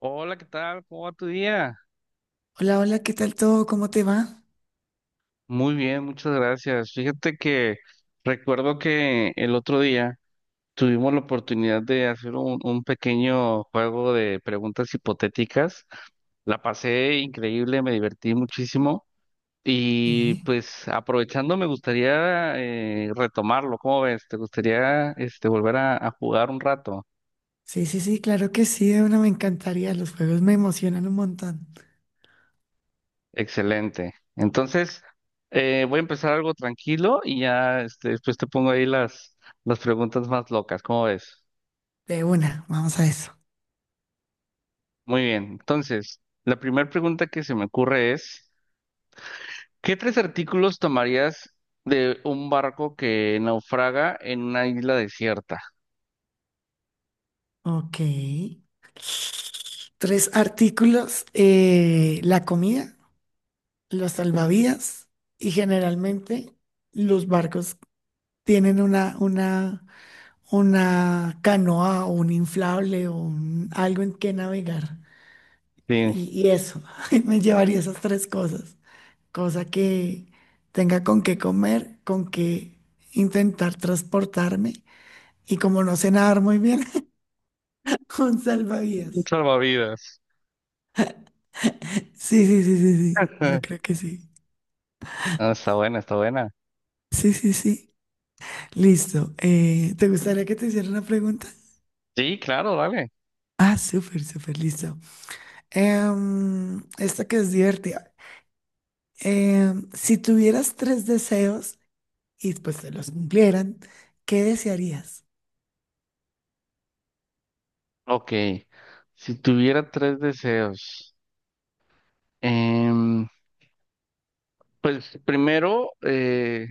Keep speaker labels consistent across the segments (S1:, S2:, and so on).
S1: Hola, ¿qué tal? ¿Cómo va tu día?
S2: Hola, hola, ¿qué tal todo? ¿Cómo te va?
S1: Muy bien, muchas gracias. Fíjate que recuerdo que el otro día tuvimos la oportunidad de hacer un pequeño juego de preguntas hipotéticas. La pasé increíble, me divertí muchísimo y
S2: Sí,
S1: pues aprovechando me gustaría retomarlo. ¿Cómo ves? ¿Te gustaría volver a jugar un rato?
S2: sí, sí, sí, claro que sí, de una me encantaría. Los juegos me emocionan un montón.
S1: Excelente. Entonces, voy a empezar algo tranquilo y ya este, después te pongo ahí las preguntas más locas. ¿Cómo ves?
S2: De una, vamos a eso.
S1: Muy bien. Entonces, la primera pregunta que se me ocurre es, ¿qué tres artículos tomarías de un barco que naufraga en una isla desierta?
S2: Ok. Tres artículos, la comida, los salvavidas y generalmente los barcos tienen una canoa o un inflable o algo en que navegar.
S1: Sí,
S2: Y eso, me llevaría esas tres cosas. Cosa que tenga con qué comer, con qué intentar transportarme. Y como no sé nadar muy bien, un
S1: un
S2: salvavidas.
S1: salvavidas.
S2: Sí, sí, sí, sí, sí. Yo creo que sí.
S1: Ah, está buena, está buena.
S2: Sí, sí, sí. Listo. ¿te gustaría que te hiciera una pregunta?
S1: Sí, claro, dale.
S2: Ah, súper, súper, listo. Esta que es divertida. Em, si tuvieras tres deseos y pues te los cumplieran, ¿qué desearías?
S1: Ok. Si tuviera tres deseos, em, pues primero,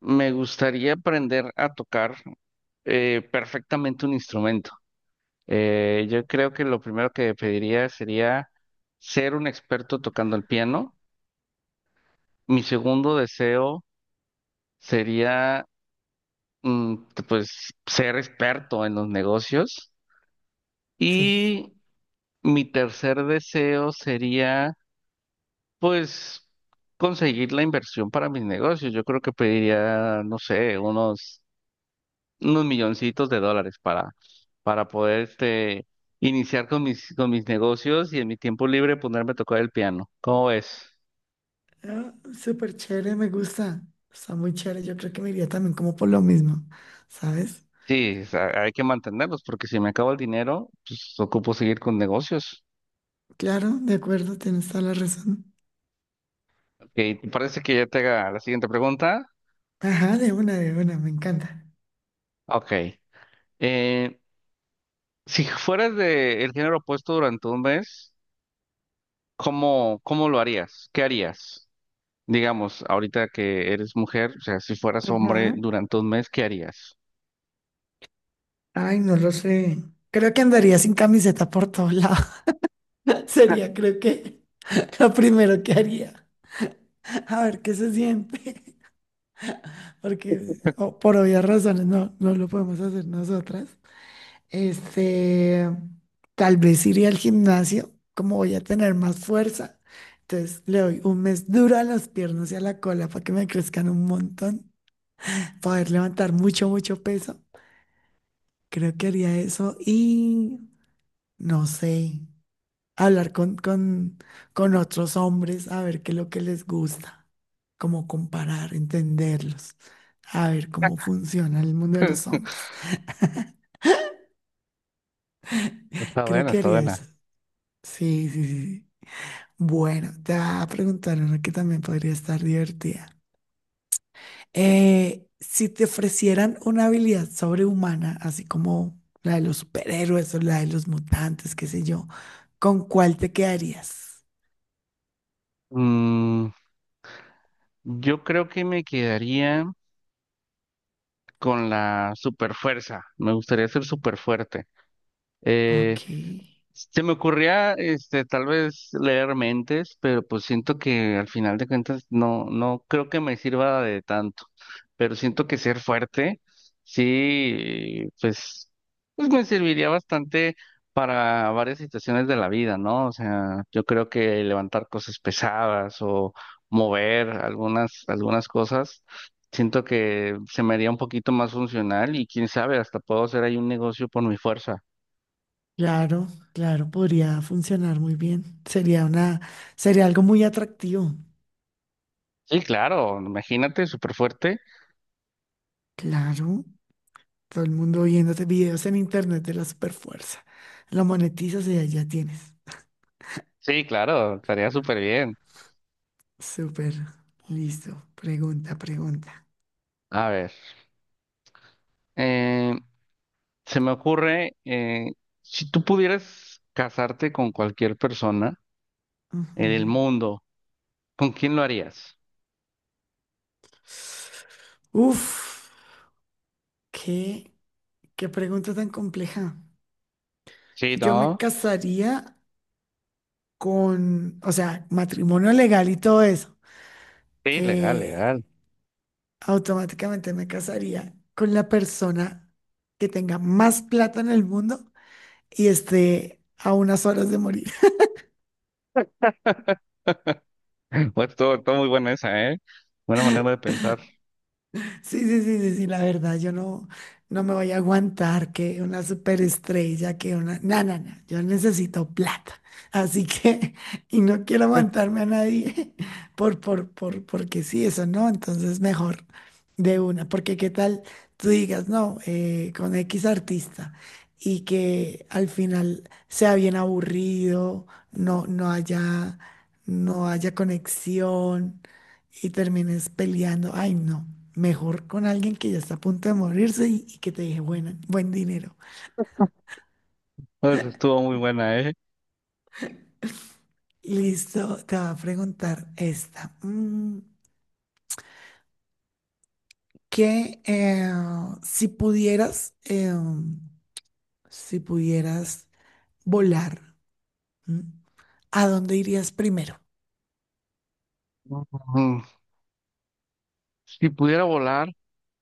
S1: me gustaría aprender a tocar perfectamente un instrumento. Yo creo que lo primero que pediría sería ser un experto tocando el piano. Mi segundo deseo sería, mm, pues, ser experto en los negocios.
S2: Sí.
S1: Y mi tercer deseo sería, pues, conseguir la inversión para mis negocios. Yo creo que pediría, no sé, unos milloncitos de dólares para poder este, iniciar con con mis negocios y en mi tiempo libre ponerme a tocar el piano. ¿Cómo ves?
S2: Ah, súper chévere, me gusta. Está muy chévere. Yo creo que me iría también como por lo mismo, ¿sabes?
S1: Sí, o sea, hay que mantenerlos porque si me acabo el dinero, pues ocupo seguir con negocios.
S2: Claro, de acuerdo, tienes toda la razón.
S1: Ok, ¿te parece que ya te haga la siguiente pregunta?
S2: Ajá, de una, me encanta.
S1: Ok. Eh, si fueras de el género opuesto durante un mes, ¿cómo lo harías? ¿Qué harías? Digamos, ahorita que eres mujer, o sea, si fueras hombre
S2: Ajá.
S1: durante un mes, ¿qué harías?
S2: Ay, no lo sé. Creo que andaría sin camiseta por todos lados. Sería, creo que, lo primero que haría. A ver qué se siente. Porque oh, por obvias razones no, no lo podemos hacer nosotras. Este, tal vez iría al gimnasio, como voy a tener más fuerza. Entonces le doy un mes duro a las piernas y a la cola para que me crezcan un montón, poder levantar mucho, mucho peso. Creo que haría eso y no sé, hablar con otros hombres a ver qué es lo que les gusta, como comparar, entenderlos, a ver cómo funciona el mundo de los hombres.
S1: Está
S2: Creo
S1: buena,
S2: que
S1: está
S2: haría
S1: buena.
S2: eso. Sí, sí, sí, sí. Bueno, te voy a preguntar una que también podría estar divertida. Si te ofrecieran una habilidad sobrehumana, así como la de los superhéroes o la de los mutantes, qué sé yo, ¿con cuál te quedarías?
S1: Mm, yo creo que me quedaría con la super fuerza. Me gustaría ser súper fuerte.
S2: Ok,
S1: Se me ocurría, este, tal vez leer mentes, pero pues siento que al final de cuentas no, no creo que me sirva de tanto. Pero siento que ser fuerte, sí, pues, pues me serviría bastante para varias situaciones de la vida, ¿no? O sea, yo creo que levantar cosas pesadas o mover algunas cosas, siento que se me haría un poquito más funcional y quién sabe, hasta puedo hacer ahí un negocio por mi fuerza.
S2: claro, claro, podría funcionar muy bien. Sería algo muy atractivo.
S1: Sí, claro, imagínate, súper fuerte.
S2: Claro, todo el mundo viéndote videos en internet de la superfuerza. Lo monetizas y ya tienes.
S1: Sí, claro, estaría súper bien.
S2: Súper. Listo. Pregunta, pregunta.
S1: A ver, eh, se me ocurre, si tú pudieras casarte con cualquier persona en el
S2: Ujú.
S1: mundo, ¿con quién lo harías?
S2: Uf, qué, qué pregunta tan compleja.
S1: Sí,
S2: Yo me
S1: ¿no?
S2: casaría con, o sea, matrimonio legal y todo eso.
S1: Sí, legal, legal.
S2: Eh, automáticamente me casaría con la persona que tenga más plata en el mundo y esté a unas horas de morir.
S1: Pues estuvo muy buena esa, ¿eh? Buena manera de pensar.
S2: Sí, sí, sí, sí, sí, la verdad, yo no, no me voy a aguantar que una superestrella, que una... No, no, no, yo necesito plata. Así que, y no quiero aguantarme a nadie porque sí, eso no, entonces mejor de una, porque qué tal tú digas, no, con X artista y que al final sea bien aburrido, no, no haya conexión y termines peleando. Ay, no, mejor con alguien que ya está a punto de morirse y que te deje buena, buen dinero.
S1: Pues, estuvo muy buena, ¿eh?
S2: Listo, te va a preguntar esta. Mm, que Si pudieras, si pudieras volar, ¿m? ¿A dónde irías primero?
S1: Ujú. Si pudiera volar,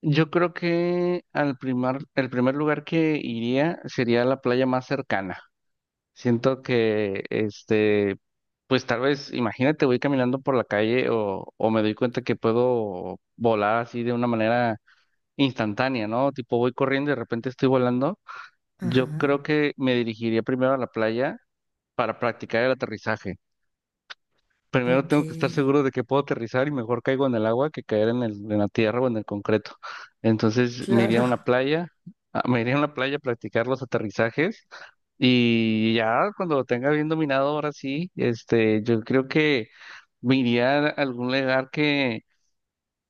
S1: yo creo que al el primer lugar que iría sería la playa más cercana. Siento que, este, pues tal vez, imagínate, voy caminando por la calle o me doy cuenta que puedo volar así de una manera instantánea, ¿no? Tipo, voy corriendo y de repente estoy volando. Yo
S2: Ajá,
S1: creo que me dirigiría primero a la playa para practicar el aterrizaje. Primero
S2: ok,
S1: tengo que estar seguro de que puedo aterrizar y mejor caigo en el agua que caer en en la tierra o en el concreto. Entonces me iría a
S2: claro,
S1: una playa, ah, me iría a una playa a practicar los aterrizajes y ya cuando lo tenga bien dominado, ahora sí, este, yo creo que me iría a algún lugar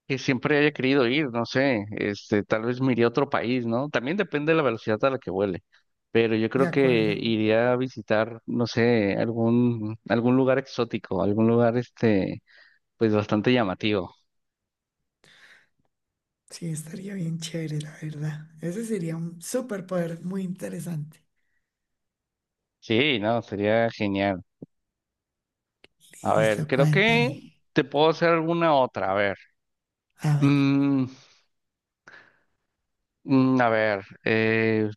S1: que siempre haya querido ir, no sé, este, tal vez me iría a otro país, ¿no? También depende de la velocidad a la que vuele, pero yo
S2: de
S1: creo que
S2: acuerdo.
S1: iría a visitar, no sé, algún lugar exótico, algún lugar, este, pues bastante llamativo.
S2: Sí, estaría bien chévere, la verdad. Ese sería un superpoder muy interesante.
S1: Sí, no, sería genial. A ver,
S2: Listo,
S1: creo
S2: cuéntame.
S1: que te puedo hacer alguna otra, a ver.
S2: A ver.
S1: Mm, a ver,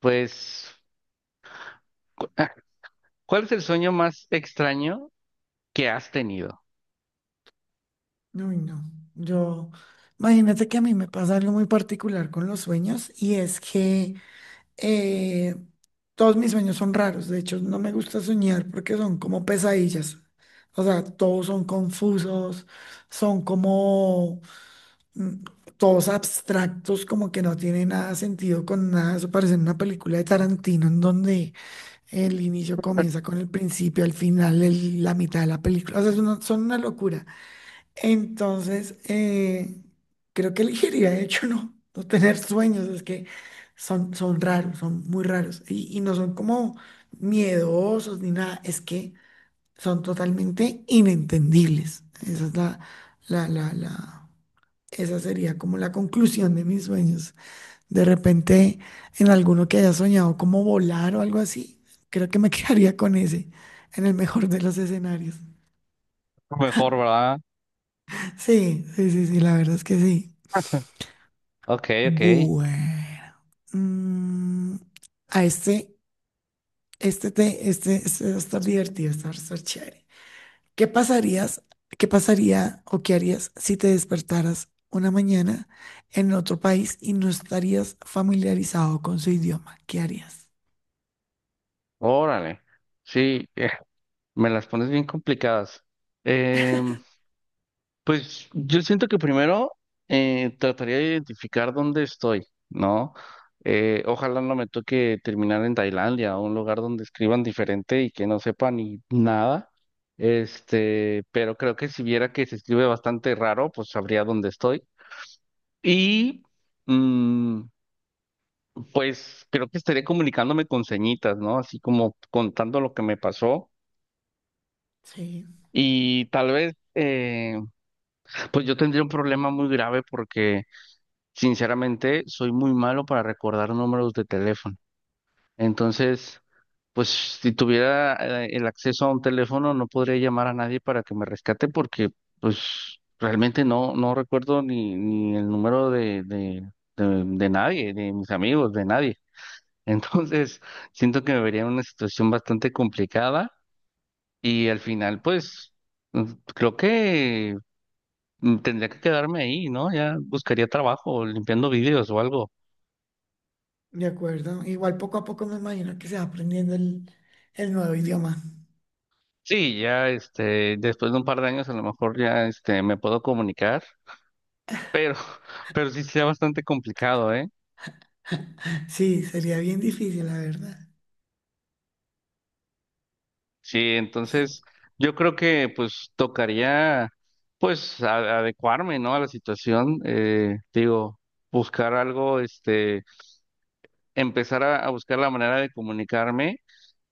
S1: pues, cu- ah, ¿cuál es el sueño más extraño que has tenido?
S2: Uy, no. Yo, imagínate que a mí me pasa algo muy particular con los sueños y es que eh, todos mis sueños son raros. De hecho, no me gusta soñar porque son como pesadillas. O sea, todos son confusos, son como mm, todos abstractos, como que no tiene nada sentido con nada. Eso parece una película de Tarantino en donde el inicio comienza con el principio, al final la mitad de la película. O sea, son una locura. Entonces, creo que elegiría, de hecho, no, no tener sueños, es que son, son raros, son muy raros y no son como miedosos ni nada, es que son totalmente inentendibles. Esa es la, la, la, esa sería como la conclusión de mis sueños. De repente, en alguno que haya soñado como volar o algo así, creo que me quedaría con ese, en el mejor de los escenarios.
S1: Mejor, ¿verdad?
S2: Sí, sí, sí, sí, la verdad es que sí.
S1: Ok, ok.
S2: Bueno, mm, a este, este, te, este va a estar divertido, este va a estar chévere. ¿Qué pasarías, ¿Qué pasaría o qué harías si te despertaras una mañana en otro país y no estarías familiarizado con su idioma? ¿Qué harías?
S1: Órale. Sí, me las pones bien complicadas. Em, Pues yo siento que primero trataría de identificar dónde estoy, ¿no? Ojalá no me toque terminar en Tailandia, o un lugar donde escriban diferente y que no sepa ni nada. Este, pero creo que si viera que se escribe bastante raro, pues sabría dónde estoy. Y mm, pues creo que estaría comunicándome con señitas, ¿no? Así como contando lo que me pasó.
S2: Sí,
S1: Y tal vez, pues yo tendría un problema muy grave porque sinceramente, soy muy malo para recordar números de teléfono. Entonces, pues si tuviera el acceso a un teléfono, no podría llamar a nadie para que me rescate porque, pues, realmente no, no recuerdo ni el número de nadie, de mis amigos, de nadie. Entonces, siento que me vería en una situación bastante complicada y al final, pues, creo que tendría que quedarme ahí, ¿no? Ya buscaría trabajo limpiando vídeos o algo.
S2: de acuerdo. Igual poco a poco me imagino que se va aprendiendo el nuevo idioma.
S1: Sí, ya este, después de un par de años a lo mejor ya este, me puedo comunicar, pero sí sea bastante complicado, ¿eh?
S2: Sí, sería bien difícil, la verdad.
S1: Sí, entonces yo creo que pues tocaría pues adecuarme, ¿no? A la situación, digo, buscar algo, este, empezar a buscar la manera de comunicarme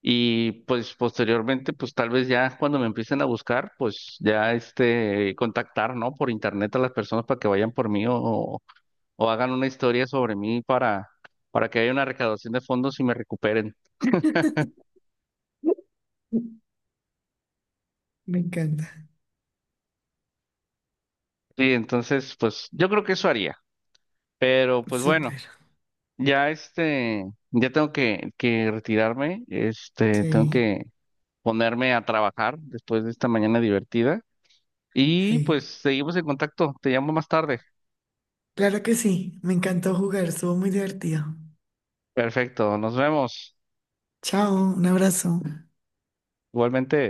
S1: y pues posteriormente pues tal vez ya cuando me empiecen a buscar pues ya este, contactar, ¿no? Por internet a las personas para que vayan por mí o hagan una historia sobre mí para que haya una recaudación de fondos y me recuperen.
S2: Me encanta.
S1: Sí, entonces, pues yo creo que eso haría. Pero pues bueno,
S2: Súper.
S1: ya este, ya tengo que retirarme, este, tengo
S2: Sí,
S1: que ponerme a trabajar después de esta mañana divertida. Y
S2: sí.
S1: pues seguimos en contacto, te llamo más tarde.
S2: Claro que sí, me encantó jugar, estuvo muy divertido.
S1: Perfecto, nos vemos.
S2: Chao, un abrazo.
S1: Igualmente.